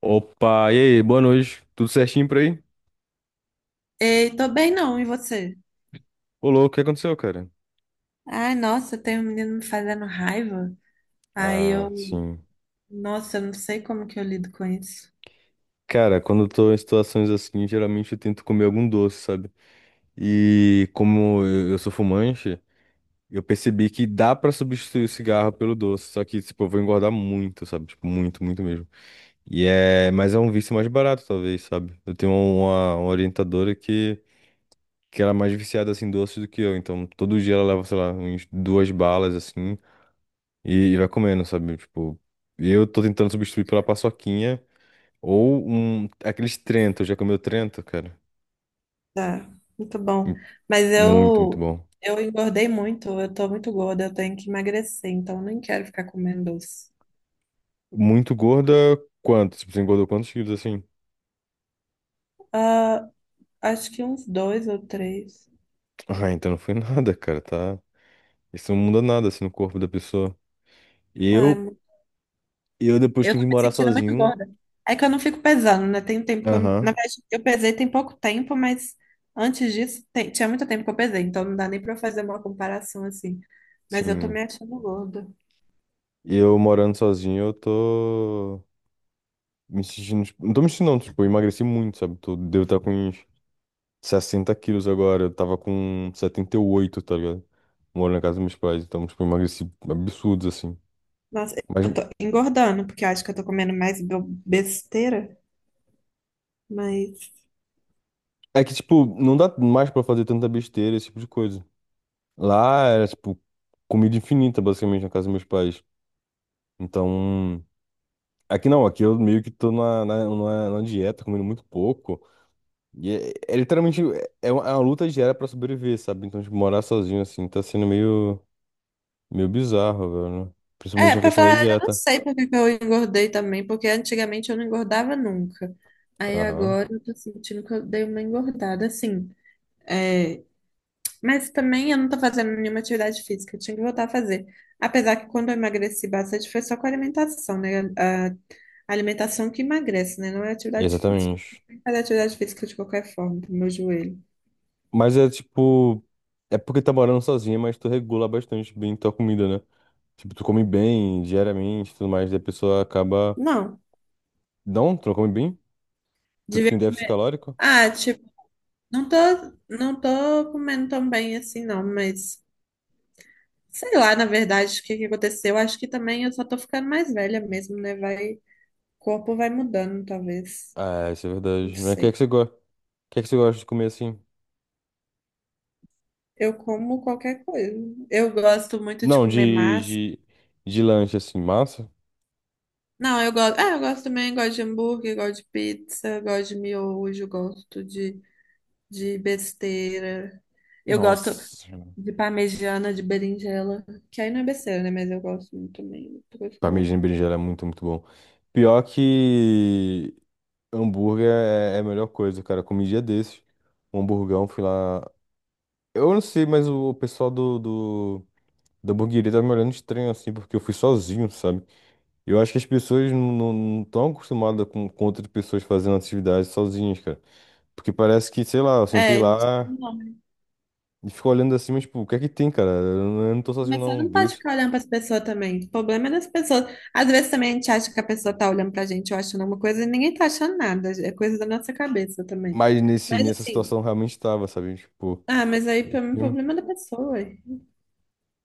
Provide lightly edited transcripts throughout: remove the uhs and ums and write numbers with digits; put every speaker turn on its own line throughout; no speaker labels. Opa, e aí, boa noite. Tudo certinho por aí?
Ei, tô bem não, e você?
Ô, louco, o que aconteceu, cara?
Ai, nossa, tem um menino me fazendo raiva. Aí
Ah,
eu,
sim.
nossa, eu não sei como que eu lido com isso.
Cara, quando eu tô em situações assim, geralmente eu tento comer algum doce, sabe? E como eu sou fumante, eu percebi que dá pra substituir o cigarro pelo doce, só que, tipo, eu vou engordar muito, sabe? Tipo, muito, muito mesmo. Mas é um vício mais barato, talvez, sabe? Eu tenho uma orientadora que ela é mais viciada, assim, em doce do que eu. Então, todo dia ela leva, sei lá, uns duas balas, assim... E vai comendo, sabe? Tipo, e eu tô tentando substituir pela paçoquinha ou aqueles Trento. Já comeu Trento, cara?
Tá, muito bom. Mas
Muito, muito
eu,
bom.
eu engordei muito, eu tô muito gorda, eu tenho que emagrecer, então eu nem quero ficar comendo doce.
Muito gorda, quanto? Tipo, você engordou quantos quilos assim?
Ah, acho que uns dois ou três.
Ah, então não foi nada, cara, tá? Isso não muda nada assim no corpo da pessoa. Eu,
Ai,
eu depois
eu
que
tô
vim
me
morar
sentindo muito
sozinho,
gorda. É que eu não fico pesando, né? Tem um tempo que eu não... Na
aham,
verdade, eu pesei tem pouco tempo, mas antes disso, tinha muito tempo que eu pesei, então não dá nem pra eu fazer uma comparação assim. Mas eu tô
sim.
me achando gorda.
Eu morando sozinho, eu tô me sentindo, tipo, não tô me sentindo, não, tipo, eu emagreci muito, sabe? Tô, devo estar com uns 60 quilos agora, eu tava com 78, tá ligado? Moro na casa dos meus pais, então, tipo, eu emagreci absurdos, assim.
Nossa,
Mas
eu tô engordando, porque eu acho que eu tô comendo mais besteira, mas...
é que, tipo, não dá mais pra fazer tanta besteira, esse tipo de coisa. Lá era, tipo, comida infinita, basicamente, na casa dos meus pais. Então, aqui não, aqui eu meio que tô numa dieta, comendo muito pouco. E é literalmente, é uma luta diária pra sobreviver, sabe? Então, tipo, morar sozinho, assim, tá sendo meio, meio bizarro, velho, né?
É,
Principalmente a
pra
questão da
falar, a verdade, eu não
dieta.
sei por que que eu engordei também, porque antigamente eu não engordava nunca. Aí
Aham.
agora eu tô sentindo que eu dei uma engordada, assim. É, mas também eu não tô fazendo nenhuma atividade física, eu tinha que voltar a fazer. Apesar que quando eu emagreci bastante foi só com a alimentação, né? A alimentação que emagrece, né? Não é atividade física.
Exatamente.
Tem que fazer atividade física de qualquer forma, pro meu joelho.
Mas é tipo. É porque tá morando sozinha, mas tu regula bastante bem tua comida, né? Tipo, tu come bem diariamente e tudo mais, daí a pessoa acaba.
Não.
Não, tu não come bem? Tu
Devia...
fica em déficit calórico?
Ah, tipo, não tô, não tô comendo tão bem assim, não, mas sei lá, na verdade, o que que aconteceu. Acho que também eu só tô ficando mais velha mesmo, né? Vai, o corpo vai mudando, talvez.
Ah, isso é
Não
verdade. Mas o que é
sei.
que você gosta? O que é que você gosta de comer assim?
Eu como qualquer coisa. Eu gosto muito de
Não,
comer
de,
massa.
de, de lanche assim, massa?
Não, eu gosto. Ah, eu gosto também, gosto de hambúrguer, gosto de pizza, gosto de miojo, de besteira. Eu gosto
Nossa.
de parmegiana, de berinjela, que aí não é besteira, né? Mas eu gosto muito também. Outra coisa que eu gosto.
Parmegiana e berinjela é muito, muito bom. Pior que hambúrguer é a melhor coisa, cara. Eu comi um dia desses. Um hamburgão, fui lá. Eu não sei, mas o pessoal do, da hamburgueria tá me olhando estranho assim, porque eu fui sozinho, sabe? Eu acho que as pessoas não estão acostumadas com outras pessoas fazendo atividades sozinhas, cara. Porque parece que, sei lá, eu sentei
É, não sabe
lá
o nome.
e fico olhando assim, mas, tipo, o que é que tem, cara? Eu não tô sozinho,
Mas você
não,
não pode
Deus.
ficar olhando para as pessoas também. O problema é das pessoas. Às vezes também a gente acha que a pessoa tá olhando pra gente, ou achando alguma coisa, e ninguém tá achando nada. É coisa da nossa cabeça também.
Mas
Mas
nessa
assim.
situação eu realmente tava, sabe? Tipo,
Ah, mas aí pra mim, o
enfim.
problema é da pessoa. Eu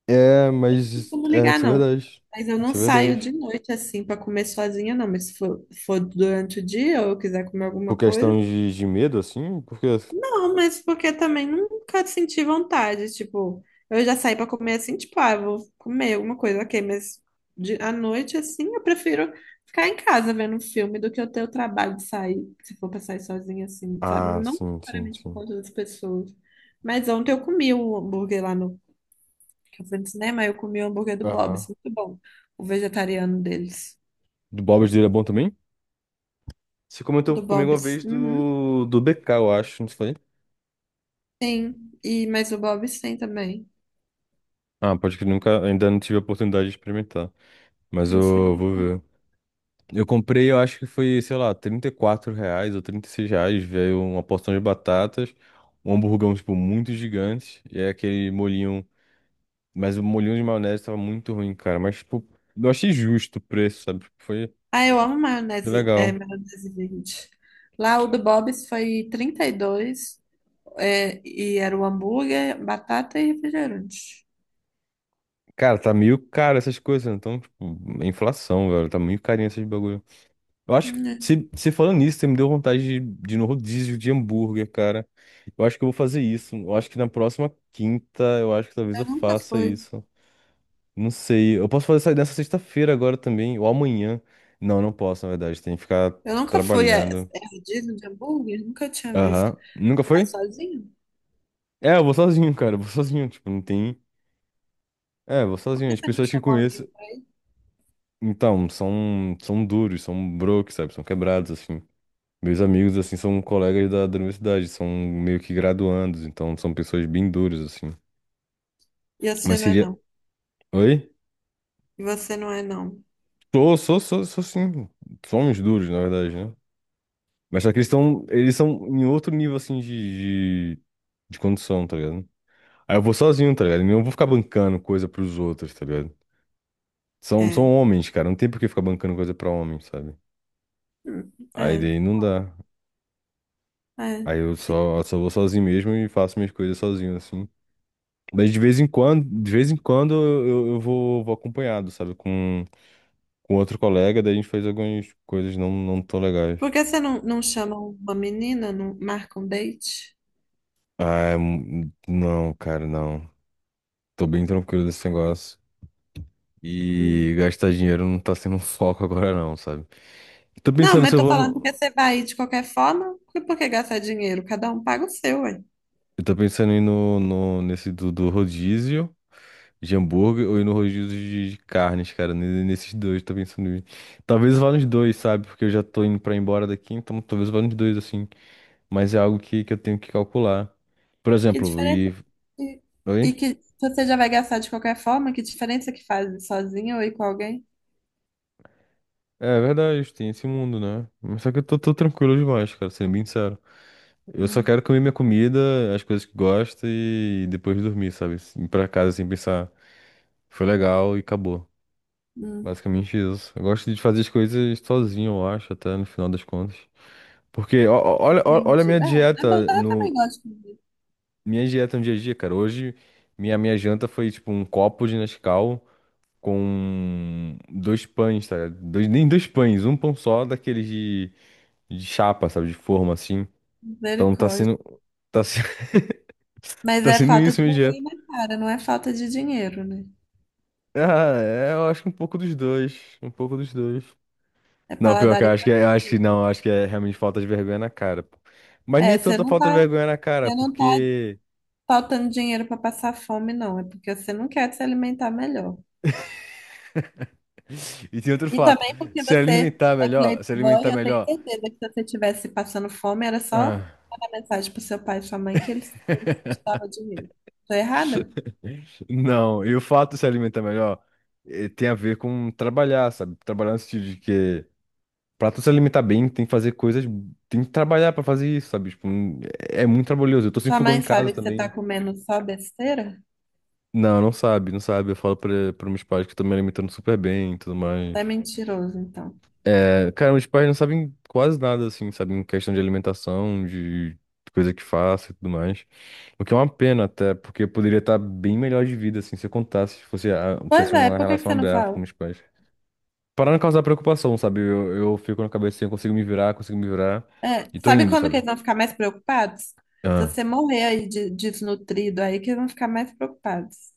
É,
não
mas
costumo
é,
ligar,
isso é
não.
verdade.
Mas eu não
Isso é
saio de
verdade.
noite assim pra comer sozinha, não. Mas se for, for durante o dia ou eu quiser comer
Por
alguma coisa.
questão de medo, assim, porque.
Não, mas porque também nunca senti vontade. Tipo, eu já saí pra comer assim, tipo, ah, eu vou comer alguma coisa, ok. Mas à noite assim, eu prefiro ficar em casa vendo um filme do que eu ter o trabalho de sair, se for pra sair sozinha assim, sabe?
Ah,
Não
sim, sim,
necessariamente por
sim.
conta das pessoas. Mas ontem eu comi o hambúrguer lá no... Eu fui no cinema, eu comi o hambúrguer do
Aham.
Bob's, muito bom. O vegetariano deles.
Do Bob dele é bom também? Você comentou
Do
comigo uma
Bob's.
vez
Uhum.
do BK, eu acho, não foi?
Sim. E, mas o Bob's tem também.
Ah, pode que nunca, ainda não tive a oportunidade de experimentar. Mas
Tem que
eu vou
experimentar.
ver. Eu comprei, eu acho que foi, sei lá, R$ 34 ou R$ 36. Veio uma porção de batatas, um hamburgão, tipo, muito gigante. E é aquele molhinho. Mas o molhinho de maionese tava muito ruim, cara. Mas, tipo, eu achei justo o preço, sabe? Tipo, Foi,
Ah, eu amo
foi
maionese, é,
legal.
maionese verde. Lá o do Bob's foi 32 reais, é, e era o hambúrguer, batata e refrigerante.
Cara, tá meio caro essas coisas, né? Então, tipo, é inflação, velho. Tá meio carinho esses bagulho. Eu acho que,
Hum,
se falando nisso, você me deu vontade de ir no rodízio de hambúrguer, cara. Eu acho que eu vou fazer isso. Eu acho que na próxima quinta, eu acho que talvez eu
Eu nunca
faça
fui.
isso. Não sei. Eu posso fazer isso nessa sexta-feira agora também, ou amanhã. Não, não posso, na verdade. Tem que ficar
Eu nunca fui. É,
trabalhando.
é rodízio de hambúrguer? Nunca tinha visto.
Aham. Nunca
Você vai
foi?
sozinho?
É, eu vou sozinho, cara. Eu vou sozinho. Tipo, não tem. É, eu vou
Por
sozinho.
que
As
você não
pessoas que eu
chamou um amigo
conheço,
pra ir?
então, são duros, são broke, sabe? São quebrados, assim. Meus amigos, assim, são colegas da universidade, são meio que graduandos, então são pessoas bem duras, assim.
E você
Mas
não é
seria.
não.
Oi?
E você não é não.
Sou sim. Somos duros, na verdade, né? Mas só que eles estão. Eles são em outro nível, assim, de condição, tá ligado? Aí eu vou sozinho, tá ligado? Eu não vou ficar bancando coisa pros outros, tá ligado? São
É.
homens, cara, não tem por que ficar bancando coisa pra homem, sabe? Aí
É,
daí não dá.
é,
Aí eu
sim.
só vou sozinho mesmo e faço minhas coisas sozinho, assim. Mas de vez em quando eu vou acompanhado, sabe? Com outro colega, daí a gente faz algumas coisas não, não tão legais.
Por que você não, não chama uma menina, não marca um date?
Ah, não, cara, não. Tô bem tranquilo desse negócio.
Hum.
E gastar dinheiro não tá sendo um foco agora, não, sabe? Tô
Não,
pensando
mas
se
eu
eu
tô
vou
falando porque
no.
você vai ir de qualquer forma, por que gastar dinheiro? Cada um paga o seu, ué.
Eu tô pensando em ir no, no, nesse do rodízio de hambúrguer ou ir no rodízio de carnes, cara. Nesses dois, tô pensando em ir. Talvez eu vá nos dois, sabe? Porque eu já tô indo pra ir embora daqui, então talvez eu vá nos dois, assim. Mas é algo que eu tenho que calcular. Por
Que
exemplo, e.
diferença? E,
Oi?
e que se você já vai gastar de qualquer forma, que diferença que faz ir sozinha ou ir com alguém?
É verdade, tem esse mundo, né? Mas só que eu tô tranquilo demais, cara, sendo bem sincero. Eu só
Hum,
quero comer minha comida, as coisas que gosto e depois dormir, sabe? Ir pra casa sem pensar, foi legal e acabou.
hum,
Basicamente isso. Eu gosto de fazer as coisas sozinho, eu acho, até no final das contas. Porque olha a
entendi. É, é bom, eu também gosto de ver.
minha dieta no dia a dia, cara. Hoje minha janta foi tipo um copo de Nescau com dois pães, tá ligado? Dois, nem dois pães, um pão só daqueles de chapa, sabe? De forma, assim. Então tá
Misericórdia.
sendo, tá, se-
Mas
tá
é
sendo
falta
isso
de
minha
vergonha
dieta.
na cara, não é falta de dinheiro, né?
Ah, é, eu acho que um pouco dos dois, um pouco dos dois.
É
Não, pior que
paladar
eu acho que, é- eu acho
infantil.
que não, eu acho que é realmente falta de vergonha na cara, pô. Mas nem
É,
é
você
tanta
não
falta de
tá,
vergonha na cara,
você não tá
porque...
faltando dinheiro para passar fome, não. É porque você não quer se alimentar melhor.
E tem outro
E
fato,
também porque
se
você
alimentar
é
melhor, se
playboy,
alimentar
eu tenho
melhor...
certeza que se você estivesse passando fome, era só
ah.
mandar mensagem pro seu pai e sua mãe que eles te davam dinheiro. Tô errada?
Não, e o fato de se alimentar melhor, tem a ver com trabalhar, sabe? Trabalhar no sentido de que pra tu se alimentar bem, tem que fazer coisas, tem que trabalhar pra fazer isso, sabe? Tipo, é muito trabalhoso. Eu tô sem
Sua
fogão
mãe
em
sabe
casa
que você tá
também.
comendo só besteira?
Não, não sabe, não sabe. Eu falo pra meus pais que eu tô me alimentando super bem e tudo mais.
Você é mentiroso, então.
É, cara, meus pais não sabem quase nada, assim, sabem questão de alimentação, de coisa que faço e tudo mais. O que é uma pena até, porque eu poderia estar bem melhor de vida, assim, se eu contasse, se fosse,
Pois
tivesse
é,
uma
por que que
relação
você não
aberta com
fala?
meus pais. Para não causar preocupação, sabe? Eu fico na cabeça assim, eu consigo me virar,
É,
e tô
sabe
indo,
quando que
sabe?
eles vão ficar mais preocupados? Se
Ah,
você morrer aí desnutrido aí, que eles vão ficar mais preocupados.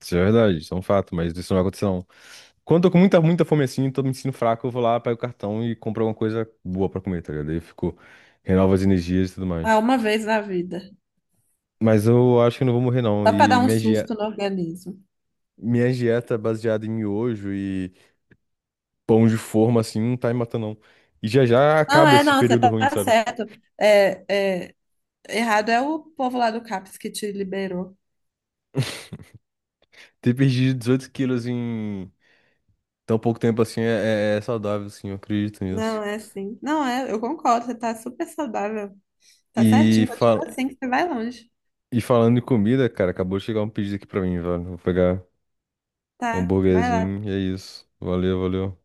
isso é verdade, isso é um fato, mas isso não vai acontecer, não. Quando eu tô com muita, muita fome assim, tô me sentindo fraco, eu vou lá, pego o cartão e compro alguma coisa boa pra comer, tá ligado? Aí eu fico, renovo as energias e tudo
Ah,
mais.
uma vez na vida.
Mas eu acho que eu não vou morrer, não.
Só para
E
dar um
minha
susto
dieta,
no organismo.
minha dieta é baseada em miojo e pão de forma, assim, não tá me matando, não. E já já
Não,
acaba
é,
esse
não, você
período
tá
ruim, sabe?
certo. É, é, errado é o povo lá do CAPS que te liberou.
Ter perdido 18 quilos em tão pouco tempo assim é saudável, assim, eu acredito
Não,
nisso.
é assim. Não, é, eu concordo, você tá super saudável. Tá
E,
certinho,
fal...
continua assim que você vai longe.
e falando em comida, cara, acabou de chegar um pedido aqui pra mim, velho. Vou pegar um
Tá, vai lá.
hambúrguerzinho e é isso. Valeu, valeu.